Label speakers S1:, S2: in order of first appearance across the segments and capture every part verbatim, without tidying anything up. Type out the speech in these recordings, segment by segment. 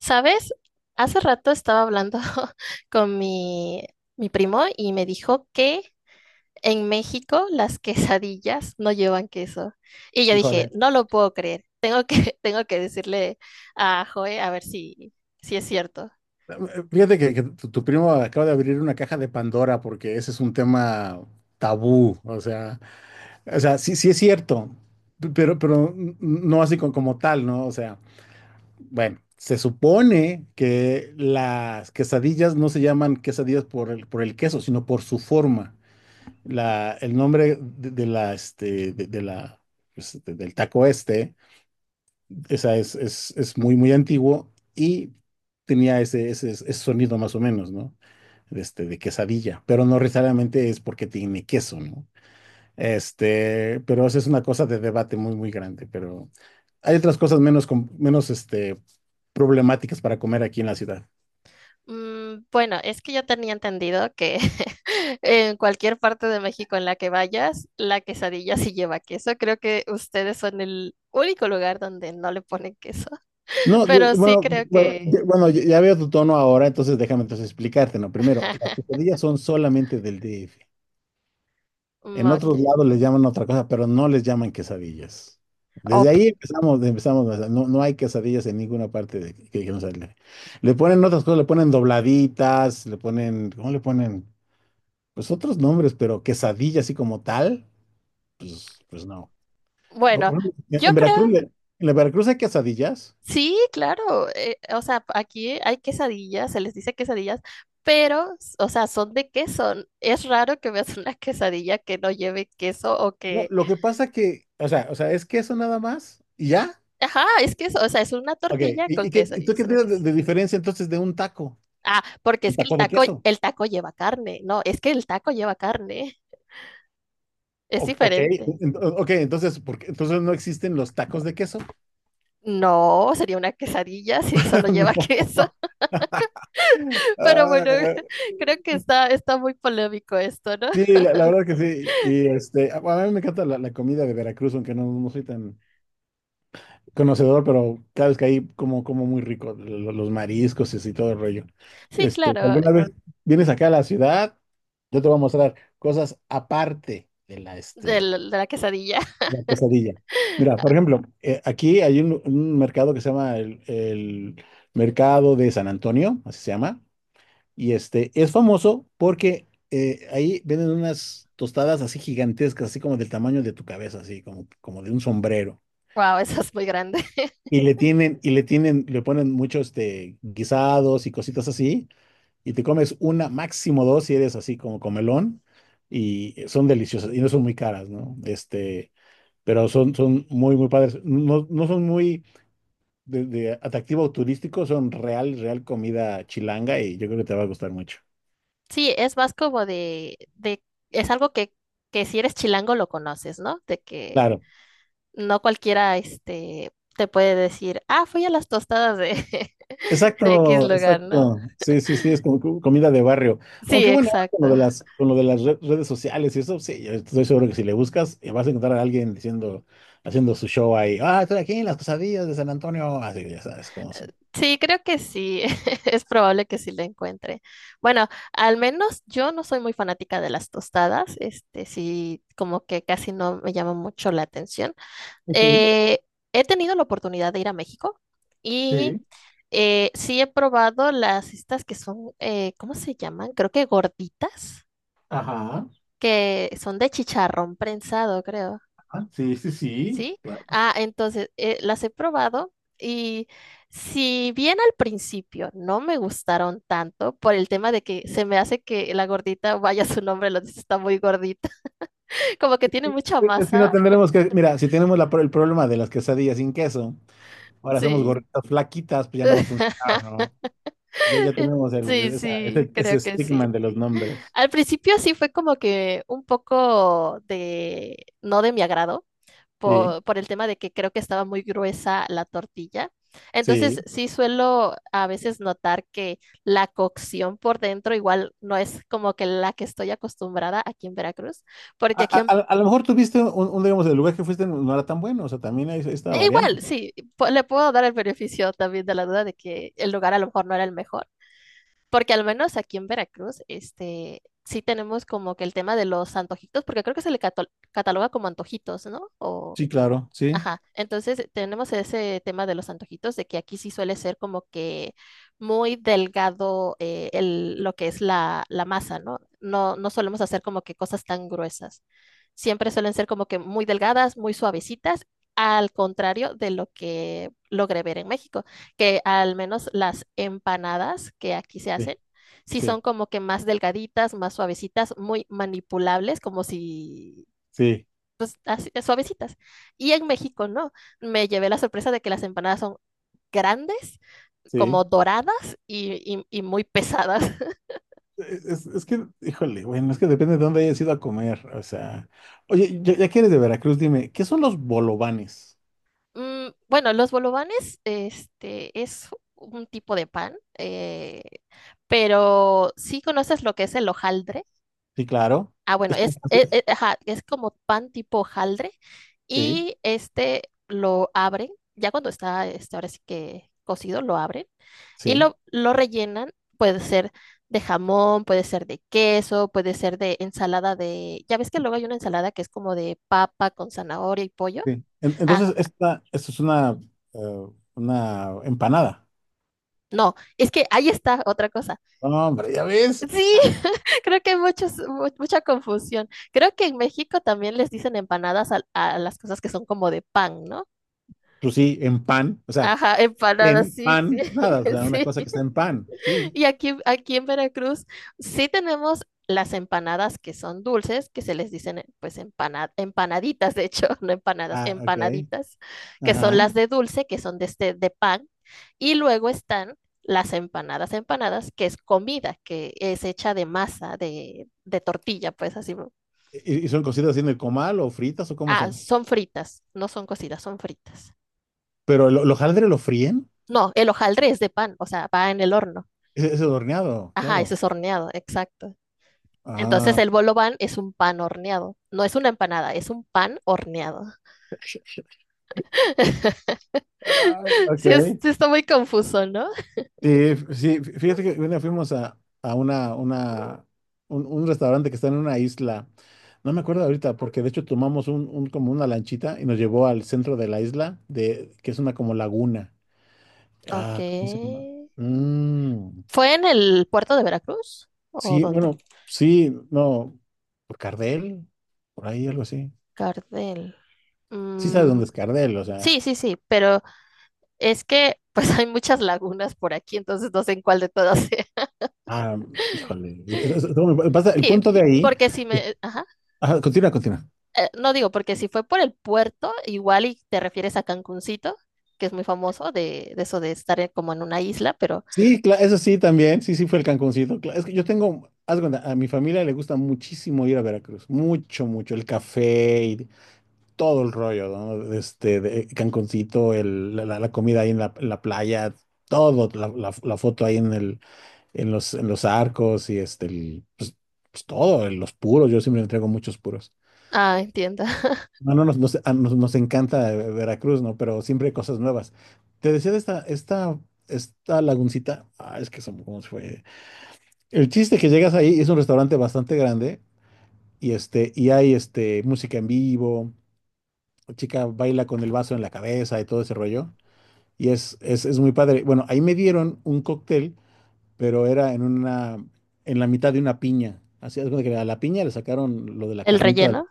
S1: ¿Sabes? Hace rato estaba hablando con mi, mi primo y me dijo que en México las quesadillas no llevan queso. Y yo dije,
S2: Híjole,
S1: no lo puedo creer. Tengo que, tengo que decirle a Joe a ver si, si es cierto.
S2: fíjate que, que tu, tu primo acaba de abrir una caja de Pandora porque ese es un tema tabú. O sea, o sea, sí, sí es cierto. P- pero, pero n- no así co- como tal, ¿no? O sea, bueno, se supone que las quesadillas no se llaman quesadillas por el, por el queso, sino por su forma. La, el nombre de, de la, este, de, de la, pues, de- del taco este. O sea, es, es, es muy, muy antiguo y tenía ese, ese, ese sonido más o menos, ¿no? Este, de quesadilla, pero no necesariamente es porque tiene queso, ¿no? Este, pero esa es una cosa de debate muy, muy grande, pero hay otras cosas menos, com- menos, este, problemáticas para comer aquí en la ciudad.
S1: Mm, bueno, es que yo tenía entendido que en cualquier parte de México en la que vayas, la quesadilla sí lleva queso. Creo que ustedes son el único lugar donde no le ponen queso.
S2: No,
S1: Pero
S2: de-
S1: sí
S2: bueno,
S1: creo
S2: bueno,
S1: que...
S2: de- bueno, ya ya veo tu tono ahora, entonces déjame entonces explicarte, ¿no? Primero, las quesadillas son solamente del D F.
S1: Mm,
S2: En otros
S1: okay.
S2: lados les llaman otra cosa, pero no les llaman quesadillas.
S1: O
S2: Desde
S1: p-
S2: ahí empezamos, empezamos. O sea, no, no hay quesadillas en ninguna parte de, que, que no sale. Le ponen otras cosas, le ponen dobladitas, le ponen, ¿cómo le ponen? Pues otros nombres, pero quesadilla así como tal, pues, pues no. Por-
S1: bueno,
S2: por ejemplo, en
S1: yo
S2: en
S1: creo,
S2: Veracruz, le- en la Veracruz hay quesadillas.
S1: sí, claro. Eh, o sea, aquí hay quesadillas, se les dice quesadillas, pero, s- o sea, son de queso. n- Es raro que veas una quesadilla que no lleve queso o
S2: No,
S1: que...
S2: lo que pasa que, o sea, o sea, es queso nada más y ya.
S1: Ajá, es queso, o sea, es una
S2: Ok.
S1: tortilla
S2: ¿y,
S1: con
S2: y qué,
S1: queso.
S2: y
S1: Y
S2: tú
S1: es
S2: qué
S1: una
S2: tienes de
S1: ques-
S2: de diferencia entonces de un taco?
S1: ah, porque es
S2: Un
S1: que el
S2: taco de
S1: taco,
S2: queso.
S1: el taco lleva carne. No, es que el taco lleva carne. Es
S2: O- Ok,
S1: diferente.
S2: ent- ok, entonces, ¿por qué- entonces no existen los tacos de queso?
S1: No, sería una quesadilla si solo lleva
S2: No.
S1: queso. Pero bueno,
S2: Ah,
S1: creo que está, está muy polémico esto, ¿no?
S2: sí, la, la verdad que sí. Y este, a a mí me encanta la, la comida de Veracruz, aunque no, no soy tan conocedor, pero cada vez que ahí como, como muy rico, lo- lo- los mariscos y así, todo el rollo.
S1: Sí,
S2: Este, si
S1: claro,
S2: alguna vez vienes acá a la ciudad, yo te voy a mostrar cosas aparte de la, este,
S1: del- de la quesadilla.
S2: La pesadilla. Mira, por ejemplo, eh, aquí hay un, un mercado que se llama el, el Mercado de San Antonio, así se llama, y este es famoso porque eh, ahí venden unas tostadas así gigantescas, así como del tamaño de tu cabeza, así como, como de un sombrero.
S1: Wow, eso es muy grande.
S2: Y le tienen, y le tienen, le ponen muchos este, guisados y cositas así, y te comes una, máximo dos si eres así como comelón, y son deliciosas, y no son muy caras, ¿no? Este pero son, son muy, muy padres. No, no son muy de, de atractivo turístico, son real, real comida chilanga y yo creo que te va a gustar mucho.
S1: Sí, es más como de, de, es algo que, que si eres chilango lo conoces, ¿no? De que
S2: Claro,
S1: no cualquiera, este, te puede decir, ah, fui a las tostadas de, de X
S2: exacto,
S1: lugar, ¿no?
S2: exacto. Sí, sí, sí, es como co- comida de barrio.
S1: Sí,
S2: Aunque bueno, ahora
S1: exacto.
S2: con lo de las, con lo de las re- redes sociales y eso, sí, yo estoy seguro que si le buscas, eh, vas a encontrar a alguien diciendo, haciendo su show ahí. Ah, estoy aquí en las quesadillas de San Antonio. Así que ya sabes cómo son.
S1: Sí, creo que sí, es probable que sí lo encuentre. Bueno, al menos yo no soy muy fanática de las tostadas, este, sí, como que casi no me llama mucho la atención.
S2: Ok.
S1: Eh, he tenido la oportunidad de ir a México y
S2: Sí,
S1: eh, sí he probado las estas que son, eh, ¿cómo se llaman? Creo que gorditas,
S2: ajá,
S1: que son de chicharrón prensado, creo.
S2: ajá, sí, sí, sí.
S1: ¿Sí? Ah, entonces, eh, las he probado y si bien al principio no me gustaron tanto por el tema de que se me hace que la gordita, vaya su nombre, lo dice, está muy gordita, como que tiene mucha
S2: Si no
S1: masa.
S2: tendremos que, mira, si tenemos la pro- el problema de las quesadillas sin queso, ahora hacemos
S1: Sí.
S2: gorritas flaquitas, pues ya no va a funcionar, ¿no? Ya, ya
S1: Eh,
S2: tenemos el,
S1: sí,
S2: esa-
S1: sí,
S2: ese, ese
S1: creo que sí.
S2: estigma de los nombres.
S1: Al principio sí fue como que un poco de, no de mi agrado,
S2: Sí,
S1: por, por el tema de que creo que estaba muy gruesa la tortilla. Entonces
S2: sí.
S1: sí suelo a veces notar que la cocción por dentro igual no es como que la que estoy acostumbrada aquí en Veracruz,
S2: A,
S1: porque aquí
S2: a-
S1: en-
S2: a- a lo mejor tuviste un, un, digamos, el lugar que fuiste no era tan bueno, o sea, también hay esta
S1: e
S2: variante.
S1: igual, sí, po- le puedo dar el beneficio también de la duda de que el lugar a lo mejor no era el mejor. Porque al menos aquí en Veracruz, este, sí tenemos como que el tema de los antojitos, porque creo que se le cato- cataloga como antojitos, ¿no? O
S2: Sí, claro, sí,
S1: ajá, entonces tenemos ese tema de los antojitos, de que aquí sí suele ser como que muy delgado eh, el, lo que es la, la masa, ¿no? No, no solemos hacer como que cosas tan gruesas. Siempre suelen ser como que muy delgadas, muy suavecitas, al contrario de lo que logré ver en México, que al menos las empanadas que aquí se
S2: sí,
S1: hacen, sí son
S2: sí,
S1: como que más delgaditas, más suavecitas, muy manipulables, como si
S2: sí,
S1: pues, así, eh, suavecitas. Y en México, ¿no? Me llevé la sorpresa de que las empanadas son grandes, como
S2: sí.
S1: doradas y, y- y muy pesadas.
S2: Es, es que, híjole, bueno, es que depende de dónde hayas ido a comer, o sea. Oye, ya, ya que eres de Veracruz, dime, ¿qué son los bolovanes?
S1: Mm, bueno, los bolovanes, este, es un tipo de pan, eh, pero sí conoces lo que es el hojaldre.
S2: Sí, claro,
S1: Ah, bueno,
S2: es por
S1: es, e- e-
S2: francés.
S1: ajá, es como pan tipo hojaldre
S2: Sí,
S1: y este lo abren, ya cuando está, este, ahora sí que cocido, lo abren y
S2: sí,
S1: lo, lo rellenan, puede ser de jamón, puede ser de queso, puede ser de ensalada de... Ya ves que luego hay una ensalada que es como de papa con zanahoria y pollo.
S2: sí. En-
S1: Ah,
S2: Entonces, esta, esto es una, eh, una empanada.
S1: no, es que ahí está otra cosa.
S2: No, hombre, ya ves.
S1: Sí,
S2: Ah,
S1: creo que hay muchos, mu- mucha confusión. Creo que en México también les dicen empanadas a, a las cosas que son como de pan, ¿no?
S2: pues sí, en pan. O sea,
S1: Ajá, empanadas,
S2: en
S1: sí, sí,
S2: pan, nada. O sea, una
S1: sí.
S2: cosa que está en pan. Sí.
S1: Y aquí, aquí en Veracruz sí tenemos las empanadas que son dulces, que se les dicen eh, pues empana- empanaditas, de hecho, no empanadas,
S2: Ah, ok.
S1: empanaditas, que son
S2: Ajá.
S1: las de dulce, que son de este de pan, y luego están las empanadas, empanadas, que es comida, que es hecha de masa, de, de tortilla, pues así. ¿No?
S2: ¿Y, y son cocidas así en el comal o fritas o cómo
S1: Ah,
S2: son?
S1: son fritas, no son cocidas, son fritas.
S2: Pero el hojaldre lo fríen.
S1: No, el hojaldre es de pan, o sea, va en el horno.
S2: Es, es el horneado,
S1: Ajá, ese
S2: claro.
S1: es horneado, exacto. Entonces
S2: Ah,
S1: el bolo ban es un pan horneado. No es una empanada, es un pan horneado.
S2: ah, ok.
S1: Sí, es- sí está muy confuso, ¿no?
S2: Sí, sí, fíjate que bueno, fuimos a, a una, una, un, un restaurante que está en una isla. No me acuerdo ahorita, porque de hecho tomamos un, un- como una lanchita y nos llevó al centro de la isla, de, que es una como laguna.
S1: Ok.
S2: Ah, ¿cómo se llama? Mm,
S1: ¿Fue en el puerto de Veracruz? ¿O
S2: sí,
S1: dónde?
S2: bueno, sí, no, por Cardel, por ahí algo así.
S1: Cardel.
S2: Sí sabes
S1: Mm,
S2: dónde es Cardel, o sea.
S1: sí, sí, sí, pero es que pues hay muchas lagunas por aquí, entonces no sé en cuál de todas sea.
S2: Ah, híjole. Es- es- es- no, me pasa- el
S1: Sí,
S2: punto de ahí.
S1: porque si me... Ajá.
S2: Ajá, continúa, continúa.
S1: Eh, no digo, porque si fue por el puerto, igual y te refieres a Cancuncito, que es muy famoso de, de eso de estar en- como en una isla, pero
S2: Sí, cla- eso sí, también. Sí, sí, fue el Cancuncito. Cla- Es que yo tengo, haz de cuenta, a mi familia le gusta muchísimo ir a Veracruz. Mucho, mucho. El café y todo el rollo, ¿no? Este, de Cancuncito, el, la, la- la comida ahí en la, en la playa, todo, la, la- la foto ahí en el, en los, en los arcos y este, el- pues, pues todo, los puros. Yo siempre entrego muchos puros.
S1: ah, entiendo.
S2: No, no, nos, nos, a nos- nos encanta eh, Veracruz, ¿no? Pero siempre hay cosas nuevas. Te decía de esta, esta, esta laguncita. Ah, es que son, ¿cómo se fue? El chiste que llegas ahí es un restaurante bastante grande y este y hay este música en vivo, la chica baila con el vaso en la cabeza y todo ese rollo y es es, es muy padre. Bueno, ahí me dieron un cóctel, pero era en una en la mitad de una piña. Así es que a la piña le sacaron lo de la
S1: El
S2: carnita de la-
S1: relleno.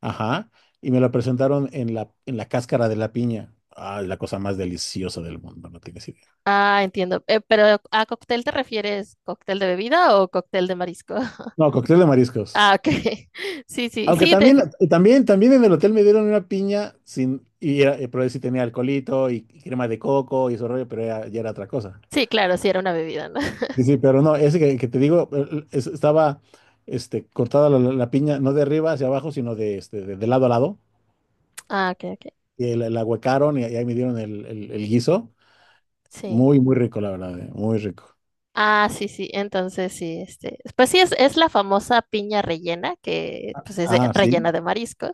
S2: ajá, y me la presentaron en la en la cáscara de la piña. Ah, la cosa más deliciosa del mundo, no tienes idea.
S1: Ah, entiendo. Eh, pero ¿a cóctel te refieres cóctel de bebida o cóctel de marisco?
S2: No, cóctel de mariscos.
S1: Ah, ok. Sí, sí,
S2: Aunque
S1: sí,
S2: también,
S1: de-
S2: la- también, también en el hotel me dieron una piña sin, y era- eh, pero sí tenía alcoholito y, y crema de coco y eso rollo, pero ya, ya era otra cosa.
S1: sí, claro, sí era una bebida, ¿no?
S2: Sí, sí, pero no, ese que, que te digo, eh, eh, es- estaba este, cortada la, la- la piña, no de arriba hacia abajo, sino de, este, de, de lado a lado.
S1: Ah, ok, ok.
S2: Y la, la huecaron y, ahí me dieron el, el- el guiso.
S1: Sí.
S2: Muy, muy rico, la verdad, eh, muy rico.
S1: Ah, sí, sí. Entonces, sí, este, pues sí, es, es la famosa piña rellena, que pues es de-
S2: Ah,
S1: rellena
S2: sí.
S1: de mariscos.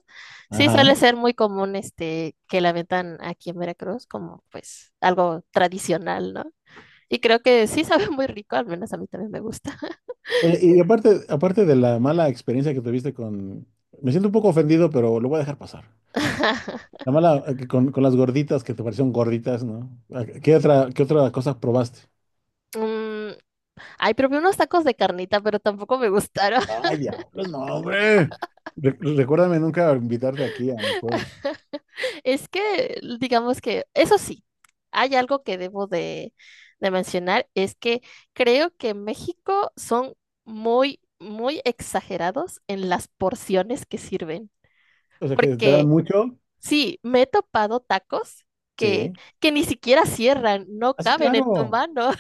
S1: Sí,
S2: Ajá.
S1: suele ser muy común, este, que la vendan aquí en Veracruz como, pues, algo tradicional, ¿no? Y creo que sí sabe muy rico, al menos a mí también me gusta.
S2: Oye, y aparte, aparte de la mala experiencia que tuviste con... Me siento un poco ofendido, pero lo voy a dejar pasar. La mala, eh, que con, con las gorditas que te parecieron gorditas, ¿no? Ah, ¿Qué otra, qué otra cosa probaste?
S1: Mm, ay, probé unos tacos de carnita, pero tampoco me gustaron.
S2: Ay, diablos, no, hombre. Re- recuérdame nunca invitarte aquí a mi pueblo.
S1: Es que, digamos que, eso sí, hay algo que debo de, de mencionar, es que creo que en México son muy, muy exagerados en las porciones que sirven.
S2: O sea, que te dan
S1: Porque
S2: mucho.
S1: sí, me he topado tacos que,
S2: Sí.
S1: que ni siquiera cierran, no
S2: Así,
S1: caben en tu
S2: claro.
S1: mano.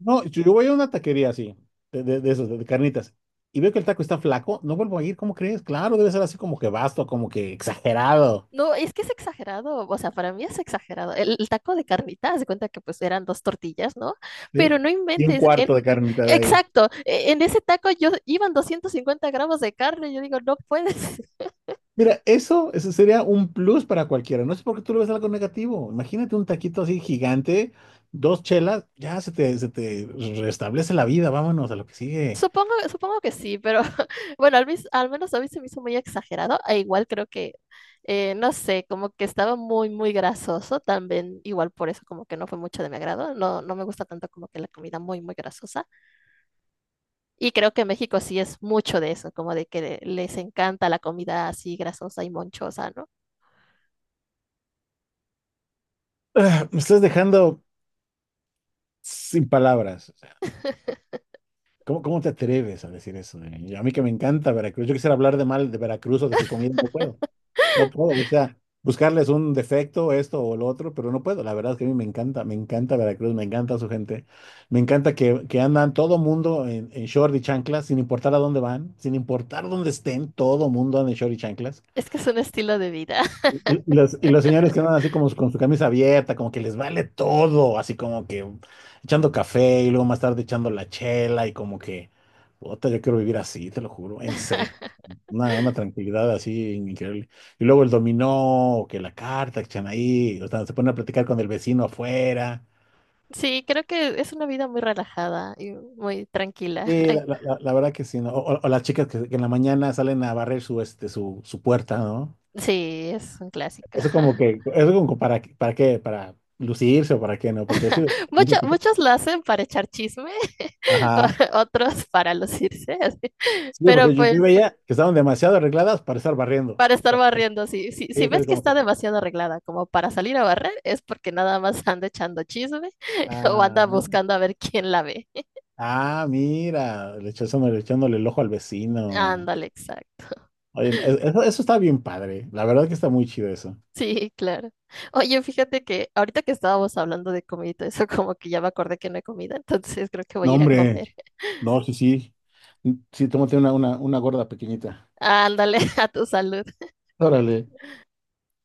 S2: No, yo yo voy a una taquería así, de, de, de esos, de, de carnitas, y veo que el taco está flaco, no vuelvo a ir, ¿cómo crees? Claro, debe ser así como que vasto, como que exagerado.
S1: No, es que es exagerado, o sea, para mí es exagerado. El, el taco de carnita, haz de cuenta que pues eran dos tortillas, ¿no? Pero
S2: ¿Sí?
S1: no
S2: Y un
S1: inventes, en-
S2: cuarto de carnitas ahí.
S1: exacto, e- en ese taco yo iban doscientos cincuenta gramos de carne, yo digo, no puedes.
S2: Mira, eso, eso sería un plus para cualquiera. No sé por qué tú le ves algo negativo. Imagínate un taquito así gigante, dos chelas, ya se te, se te restablece la vida. Vámonos a lo que sigue.
S1: Supongo, supongo que sí, pero bueno, al, mis- al menos a mí se me hizo muy exagerado, e igual creo que, eh, no sé, como que estaba muy, muy grasoso, también igual por eso como que no fue mucho de mi agrado, no, no me gusta tanto como que la comida muy, muy grasosa. Y creo que México sí es mucho de eso, como de que le- les encanta la comida así grasosa y monchosa, ¿no?
S2: Ah, me estás dejando sin palabras. ¿Cómo, cómo te atreves a decir eso? ¿Eh? A mí que me encanta Veracruz. Yo quisiera hablar de mal de Veracruz o de su comida, no puedo. No puedo, o sea, buscarles un defecto, esto o lo otro, pero no puedo. La verdad es que a mí me encanta, me encanta Veracruz, me encanta su gente. Me encanta que, que andan todo mundo en, en short y chanclas, sin importar a dónde van, sin importar dónde estén, todo mundo anda en short y chanclas.
S1: Es que es un estilo de vida.
S2: Y los, y los señores que andan así como con su camisa abierta, como que les vale todo, así como que echando café y luego más tarde echando la chela y como que, puta, yo quiero vivir así, te lo juro, en serio, una, una tranquilidad así increíble. Y luego el dominó, o que la carta que echan ahí, o sea, se ponen a platicar con el vecino afuera.
S1: Sí, creo que es una vida muy relajada y muy tranquila.
S2: Sí,
S1: Ay,
S2: la, la- la- la verdad que sí, ¿no? O, o- o las chicas que, que en la mañana salen a barrer su, este, su, su puerta, ¿no?
S1: sí, es un clásico.
S2: Eso como que, eso como para, ¿para qué? Para lucirse o para qué, ¿no? Porque yo sí.
S1: Mucho- muchos lo hacen para echar chisme,
S2: Ajá.
S1: o- otros para lucirse, así.
S2: Sí,
S1: Pero
S2: porque yo,
S1: pues
S2: yo veía que estaban demasiado arregladas para estar barriendo.
S1: para estar barriendo, si, si, si
S2: Sí, que
S1: ves
S2: es
S1: que
S2: como que,
S1: está demasiado arreglada como para salir a barrer, es porque nada más anda echando chisme o anda
S2: ah,
S1: buscando a ver quién la ve.
S2: ah, mira, le echándole, echándole el ojo al vecino.
S1: Ándale, exacto.
S2: Oye, e- eso, eso está bien padre. La verdad que está muy chido eso.
S1: Sí, claro. Oye, fíjate que ahorita que estábamos hablando de comida, y todo eso como que ya me acordé que no he comido, entonces creo que voy a
S2: No,
S1: ir a
S2: hombre,
S1: comer.
S2: no, sí, sí. Sí, tómate una, una, una gorda pequeñita.
S1: Ándale, a tu salud.
S2: Órale.